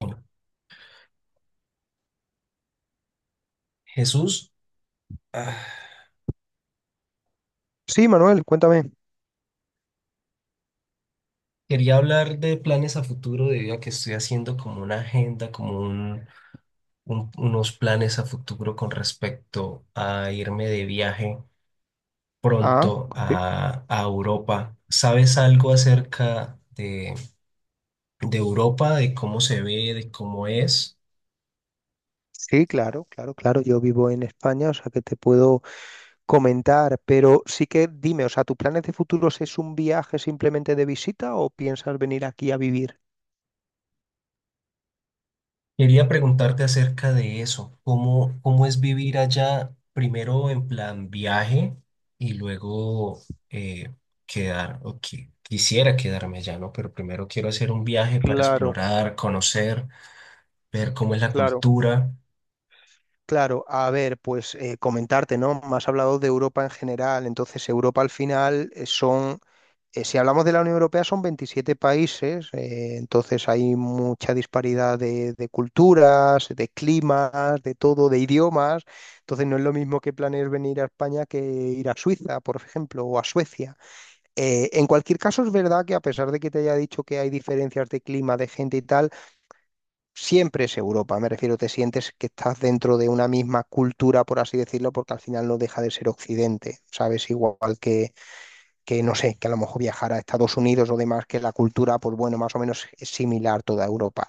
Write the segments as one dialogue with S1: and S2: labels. S1: Bueno, Jesús, ah,
S2: Sí, Manuel, cuéntame.
S1: quería hablar de planes a futuro debido a que estoy haciendo como una agenda, como unos planes a futuro con respecto a irme de viaje
S2: Ah,
S1: pronto
S2: sí.
S1: a Europa. ¿Sabes algo acerca de Europa, de cómo se ve, de cómo es?
S2: Sí, claro, claro, claro. Yo vivo en España, o sea que te puedo comentar, pero sí que dime, o sea, ¿tus planes de futuros es un viaje simplemente de visita o piensas venir aquí a vivir?
S1: Quería preguntarte acerca de eso, ¿cómo, cómo es vivir allá primero en plan viaje y luego eh, quisiera quedarme allá, ¿no? Pero primero quiero hacer un viaje para
S2: Claro,
S1: explorar, conocer, ver cómo es la
S2: claro.
S1: cultura.
S2: Claro, a ver, pues comentarte, ¿no? Me has hablado de Europa en general, entonces Europa al final son si hablamos de la Unión Europea, son 27 países, entonces hay mucha disparidad de culturas, de climas, de todo, de idiomas. Entonces no es lo mismo que planees venir a España que ir a Suiza, por ejemplo, o a Suecia. En cualquier caso, es verdad que a pesar de que te haya dicho que hay diferencias de clima, de gente y tal, siempre es Europa. Me refiero, te sientes que estás dentro de una misma cultura, por así decirlo, porque al final no deja de ser Occidente, ¿sabes? Igual que no sé, que a lo mejor viajar a Estados Unidos o demás, que la cultura, pues bueno, más o menos es similar toda Europa.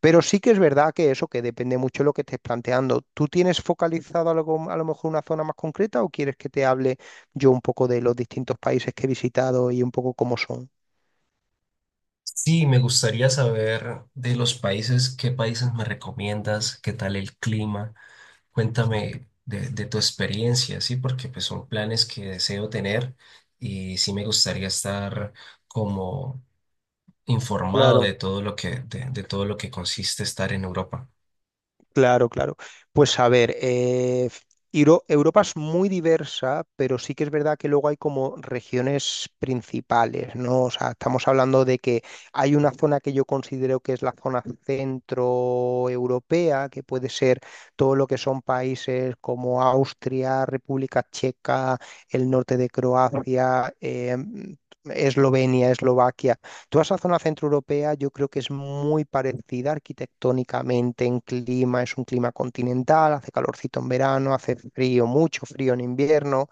S2: Pero sí que es verdad que eso, que depende mucho de lo que estés planteando. ¿Tú tienes focalizado algo, a lo mejor una zona más concreta o quieres que te hable yo un poco de los distintos países que he visitado y un poco cómo son?
S1: Sí, me gustaría saber de los países, qué países me recomiendas, qué tal el clima. Cuéntame de tu experiencia, ¿sí? Porque pues son planes que deseo tener y sí me gustaría estar como informado
S2: Claro.
S1: de todo lo que, de todo lo que consiste estar en Europa.
S2: Claro, claro. Pues a ver, Europa es muy diversa, pero sí que es verdad que luego hay como regiones principales, ¿no? O sea, estamos hablando de que hay una zona que yo considero que es la zona centroeuropea, que puede ser todo lo que son países como Austria, República Checa, el norte de Croacia, Eslovenia, Eslovaquia. Toda esa zona centroeuropea yo creo que es muy parecida arquitectónicamente en clima, es un clima continental, hace calorcito en verano, hace frío, mucho frío en invierno,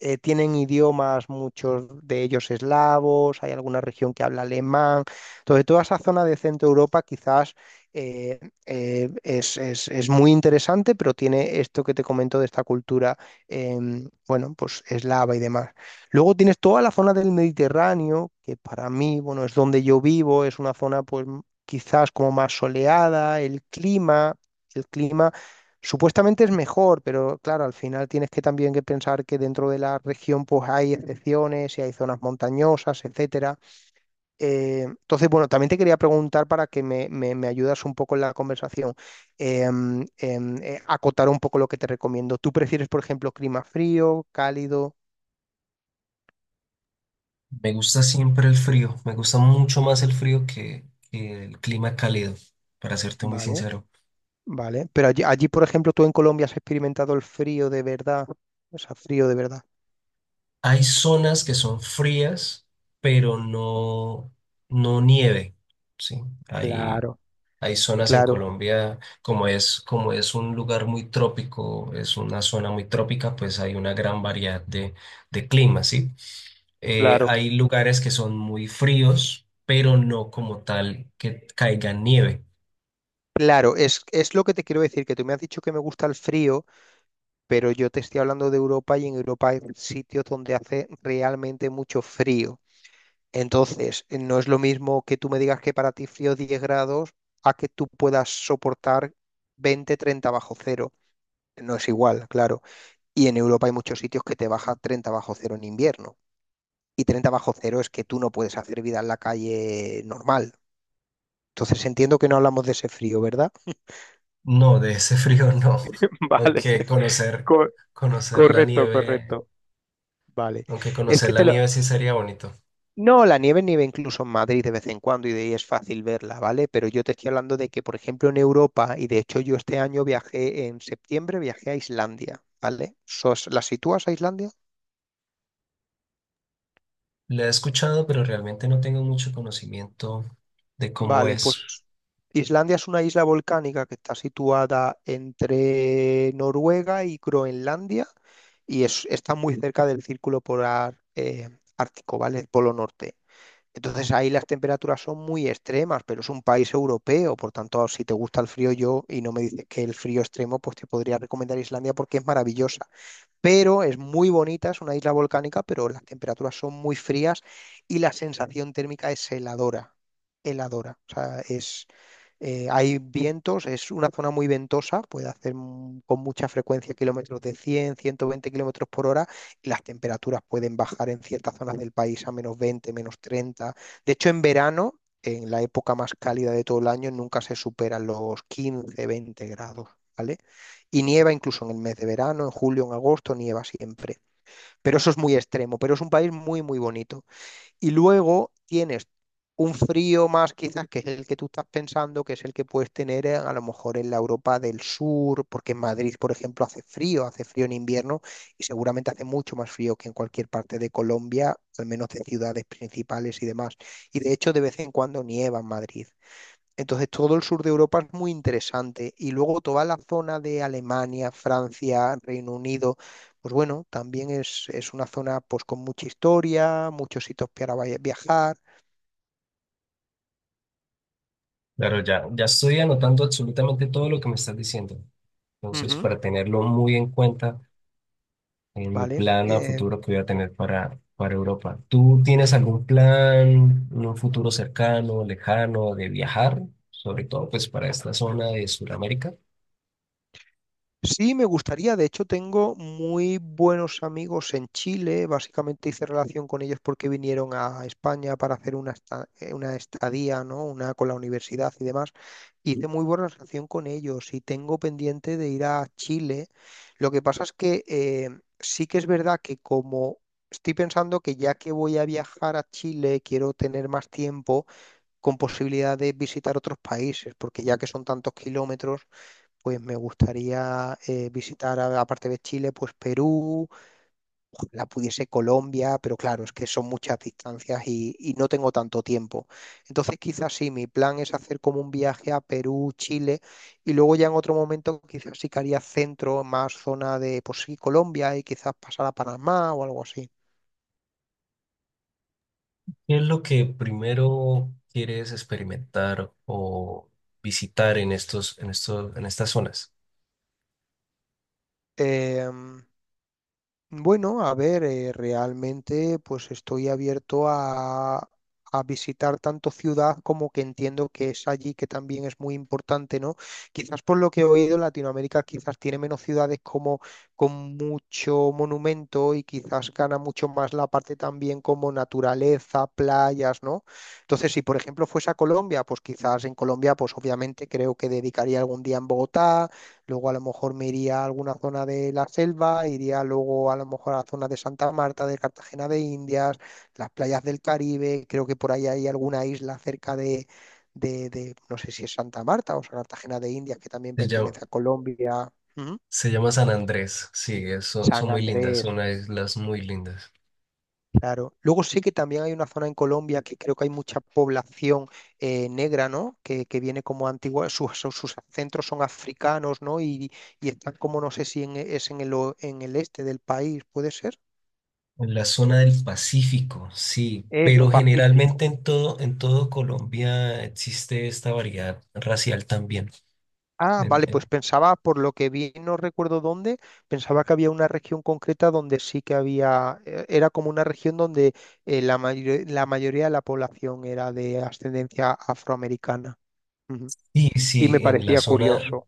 S2: tienen idiomas, muchos de ellos eslavos, hay alguna región que habla alemán. Entonces, toda esa zona de Centro Europa quizás eh, es muy interesante, pero tiene esto que te comento de esta cultura, bueno, pues eslava y demás. Luego tienes toda la zona del Mediterráneo, que para mí, bueno, es donde yo vivo, es una zona pues quizás como más soleada, el clima supuestamente es mejor, pero claro, al final tienes que también que pensar que dentro de la región pues hay excepciones y hay zonas montañosas, etcétera. Entonces, bueno, también te quería preguntar para que me ayudas un poco en la conversación, eh, em, acotar un poco lo que te recomiendo. ¿Tú prefieres, por ejemplo, clima frío, cálido?
S1: Me gusta siempre el frío, me gusta mucho más el frío que el clima cálido, para serte muy
S2: Vale,
S1: sincero.
S2: vale. Pero allí, por ejemplo, tú en Colombia has experimentado el frío de verdad, o sea, frío de verdad.
S1: Hay zonas que son frías, pero no, no nieve, ¿sí? Hay,
S2: Claro,
S1: hay zonas en
S2: claro,
S1: Colombia, como es un lugar muy trópico, es una zona muy trópica, pues hay una gran variedad de climas, ¿sí?
S2: claro.
S1: Hay lugares que son muy fríos, pero no como tal que caiga nieve.
S2: Claro, es lo que te quiero decir, que tú me has dicho que me gusta el frío, pero yo te estoy hablando de Europa y en Europa hay sitios donde hace realmente mucho frío. Entonces, no es lo mismo que tú me digas que para ti frío 10 grados a que tú puedas soportar 20, 30 bajo cero. No es igual, claro. Y en Europa hay muchos sitios que te baja 30 bajo cero en invierno. Y 30 bajo cero es que tú no puedes hacer vida en la calle normal. Entonces, entiendo que no hablamos de ese frío, ¿verdad?
S1: No, de ese frío no.
S2: Vale,
S1: Aunque conocer,
S2: co-
S1: conocer la
S2: correcto,
S1: nieve,
S2: correcto. Vale.
S1: aunque
S2: Es
S1: conocer
S2: que
S1: la
S2: te lo...
S1: nieve sí sería bonito.
S2: No, la nieve nieve incluso en Madrid de vez en cuando y de ahí es fácil verla, ¿vale? Pero yo te estoy hablando de que, por ejemplo, en Europa, y de hecho yo este año viajé, en septiembre viajé a Islandia, ¿vale? ¿La sitúas a Islandia?
S1: La he escuchado, pero realmente no tengo mucho conocimiento de cómo
S2: Vale, pues
S1: es.
S2: Islandia es una isla volcánica que está situada entre Noruega y Groenlandia y está muy cerca del círculo polar ártico, ¿vale? El Polo Norte. Entonces ahí las temperaturas son muy extremas, pero es un país europeo, por tanto, si te gusta el frío yo y no me dices que el frío extremo, pues te podría recomendar Islandia porque es maravillosa, pero es muy bonita, es una isla volcánica, pero las temperaturas son muy frías y la sensación térmica es heladora, heladora. O sea, hay vientos, es una zona muy ventosa, puede hacer, con mucha frecuencia, kilómetros de 100, 120 kilómetros por hora y las temperaturas pueden bajar en ciertas zonas del país a menos 20, menos 30. De hecho, en verano, en la época más cálida de todo el año, nunca se superan los 15, 20 grados. ¿Vale? Y nieva incluso en el mes de verano, en julio, en agosto, nieva siempre. Pero eso es muy extremo, pero es un país muy, muy bonito. Y luego tienes un frío más quizás que es el que tú estás pensando, que es el que puedes tener, a lo mejor en la Europa del Sur, porque en Madrid, por ejemplo, hace frío en invierno y seguramente hace mucho más frío que en cualquier parte de Colombia, al menos de ciudades principales y demás. Y de hecho de vez en cuando nieva en Madrid. Entonces todo el sur de Europa es muy interesante y luego toda la zona de Alemania, Francia, Reino Unido, pues bueno, también es una zona pues con mucha historia, muchos sitios para viajar.
S1: Claro, ya, ya estoy anotando absolutamente todo lo que me estás diciendo. Entonces,
S2: Ujú.
S1: para tenerlo muy en cuenta en mi
S2: ¿Vale?
S1: plan a futuro que voy a tener para Europa. ¿Tú tienes algún plan en un futuro cercano, lejano, de viajar? Sobre todo, pues, para esta zona de Sudamérica.
S2: Sí, me gustaría, de hecho tengo muy buenos amigos en Chile, básicamente hice relación con ellos porque vinieron a España para hacer una estadía, ¿no? Una con la universidad y demás. Hice muy buena relación con ellos y tengo pendiente de ir a Chile. Lo que pasa es que sí que es verdad que como estoy pensando que ya que voy a viajar a Chile, quiero tener más tiempo con posibilidad de visitar otros países, porque ya que son tantos kilómetros, pues me gustaría visitar, aparte de Chile, pues Perú, la pudiese Colombia, pero claro, es que son muchas distancias y no tengo tanto tiempo. Entonces, quizás sí, mi plan es hacer como un viaje a Perú, Chile, y luego ya en otro momento quizás sí que haría centro, más zona de, pues sí, Colombia y quizás pasar a Panamá o algo así.
S1: ¿Qué es lo que primero quieres experimentar o visitar en estos, en estos, en estas zonas?
S2: Em, Bueno, a ver, realmente pues estoy abierto a visitar tanto ciudad como que entiendo que es allí que también es muy importante, ¿no? Quizás por lo que he oído, Latinoamérica quizás tiene menos ciudades como con mucho monumento y quizás gana mucho más la parte también como naturaleza, playas, ¿no? Entonces, si por ejemplo fuese a Colombia, pues quizás en Colombia, pues obviamente creo que dedicaría algún día en Bogotá. Luego a lo mejor me iría a alguna zona de la selva, iría luego a lo mejor a la zona de Santa Marta, de Cartagena de Indias, las playas del Caribe, creo que por ahí hay alguna isla cerca de, no sé si es Santa Marta o sea, Cartagena de Indias, que también
S1: Pues ya,
S2: pertenece a Colombia. Ujú.
S1: se llama San Andrés, sí, son, son
S2: San
S1: muy lindas,
S2: Andrés.
S1: son unas islas muy lindas.
S2: Claro. Luego sé que también hay una zona en Colombia que creo que hay mucha población, negra, ¿no? Que viene como antigua, sus ancestros son africanos, ¿no? Y están como, no sé si es en el, o- en el este del país, ¿puede ser?
S1: En la zona del Pacífico, sí,
S2: Eso,
S1: pero
S2: Pacífico.
S1: generalmente en todo Colombia existe esta variedad racial también.
S2: Ah,
S1: En,
S2: vale, pues
S1: en-
S2: pensaba, por lo que vi, no recuerdo dónde, pensaba que había una región concreta donde sí que había, era como una región donde la mayoría de la población era de ascendencia afroamericana. Ujú.
S1: sí,
S2: Y me
S1: sí, en la
S2: parecía
S1: zona,
S2: curioso.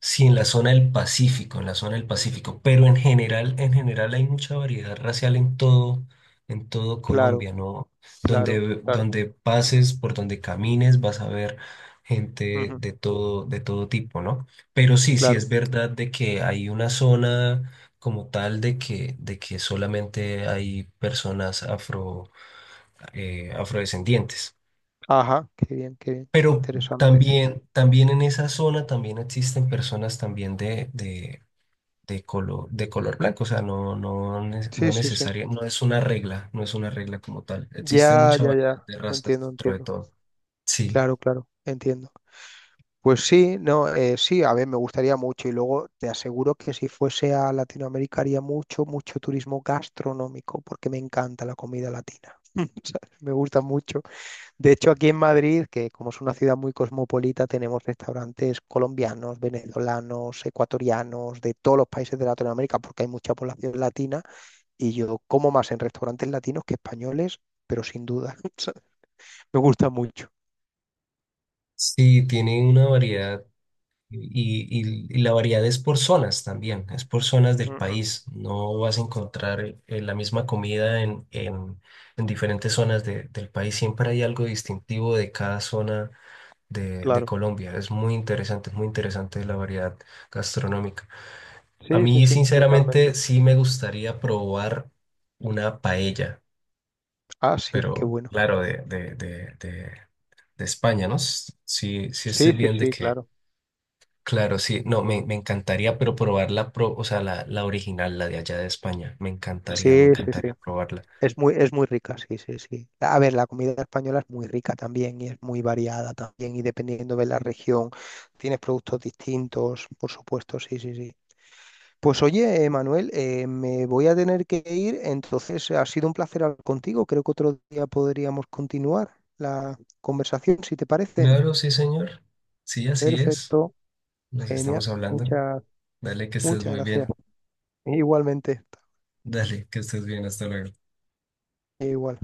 S1: sí, en la zona del Pacífico, en la zona del Pacífico, pero en general hay mucha variedad racial en todo
S2: Claro,
S1: Colombia, ¿no?
S2: claro,
S1: Donde,
S2: claro,
S1: donde pases, por donde camines, vas a ver gente
S2: ujú,
S1: de todo tipo, ¿no? Pero sí, sí
S2: claro.
S1: es verdad de que hay una zona como tal de que solamente hay personas afro, afrodescendientes.
S2: Ajá, qué bien,
S1: Pero
S2: interesante.
S1: también, también en esa zona también existen personas también de color blanco, o sea, no, no, no
S2: Sí, sí, sí.
S1: necesaria, no es una regla, no es una regla como tal. Existe
S2: Ya,
S1: mucha
S2: ya,
S1: variedad
S2: ya.
S1: de razas
S2: Entiendo,
S1: dentro de
S2: entiendo.
S1: todo. Sí,
S2: Claro, claro, entiendo. Pues sí, no, sí, a ver, me gustaría mucho. Y luego te aseguro que si fuese a Latinoamérica haría mucho, mucho turismo gastronómico, porque me encanta la comida latina. ¿Sabes? Me gusta mucho. De hecho, aquí en Madrid, que como es una ciudad muy cosmopolita, tenemos restaurantes colombianos, venezolanos, ecuatorianos, de todos los países de Latinoamérica, porque hay mucha población latina, y yo como más en restaurantes latinos que españoles, pero sin duda, o sea, me gusta mucho.
S1: sí, tiene una variedad y, y la variedad es por zonas también, es por zonas del
S2: Mm, mm,
S1: país. No vas a encontrar la misma comida en diferentes zonas del país. Siempre hay algo distintivo de cada zona de
S2: claro.
S1: Colombia. Es muy interesante la variedad gastronómica. A
S2: Sí, sí,
S1: mí,
S2: sí,
S1: sinceramente,
S2: totalmente.
S1: sí me gustaría probar una paella,
S2: Ah, sí, qué
S1: pero
S2: bueno.
S1: claro, de España, ¿no? Sí, sí estoy
S2: Sí, sí,
S1: bien de
S2: sí,
S1: que,
S2: claro.
S1: claro, sí, no, me encantaría, pero probar la, pro, o sea, la original, la de allá de España, me
S2: Sí, sí,
S1: encantaría
S2: sí.
S1: probarla.
S2: Es muy rica, sí, sí, sí. A ver, la comida española es muy rica también y es muy variada también y dependiendo de la región tienes productos distintos, por supuesto, sí, sí, sí. Pues oye, Manuel, me voy a tener que ir, entonces ha sido un placer hablar contigo. Creo que otro día podríamos continuar la conversación, si te parece.
S1: Claro, sí, señor. Sí, así es.
S2: Perfecto,
S1: Nos
S2: genial.
S1: estamos hablando.
S2: Muchas,
S1: Dale, que estés
S2: muchas
S1: muy
S2: gracias.
S1: bien.
S2: Igualmente,
S1: Dale, que estés bien. Hasta luego.
S2: igual.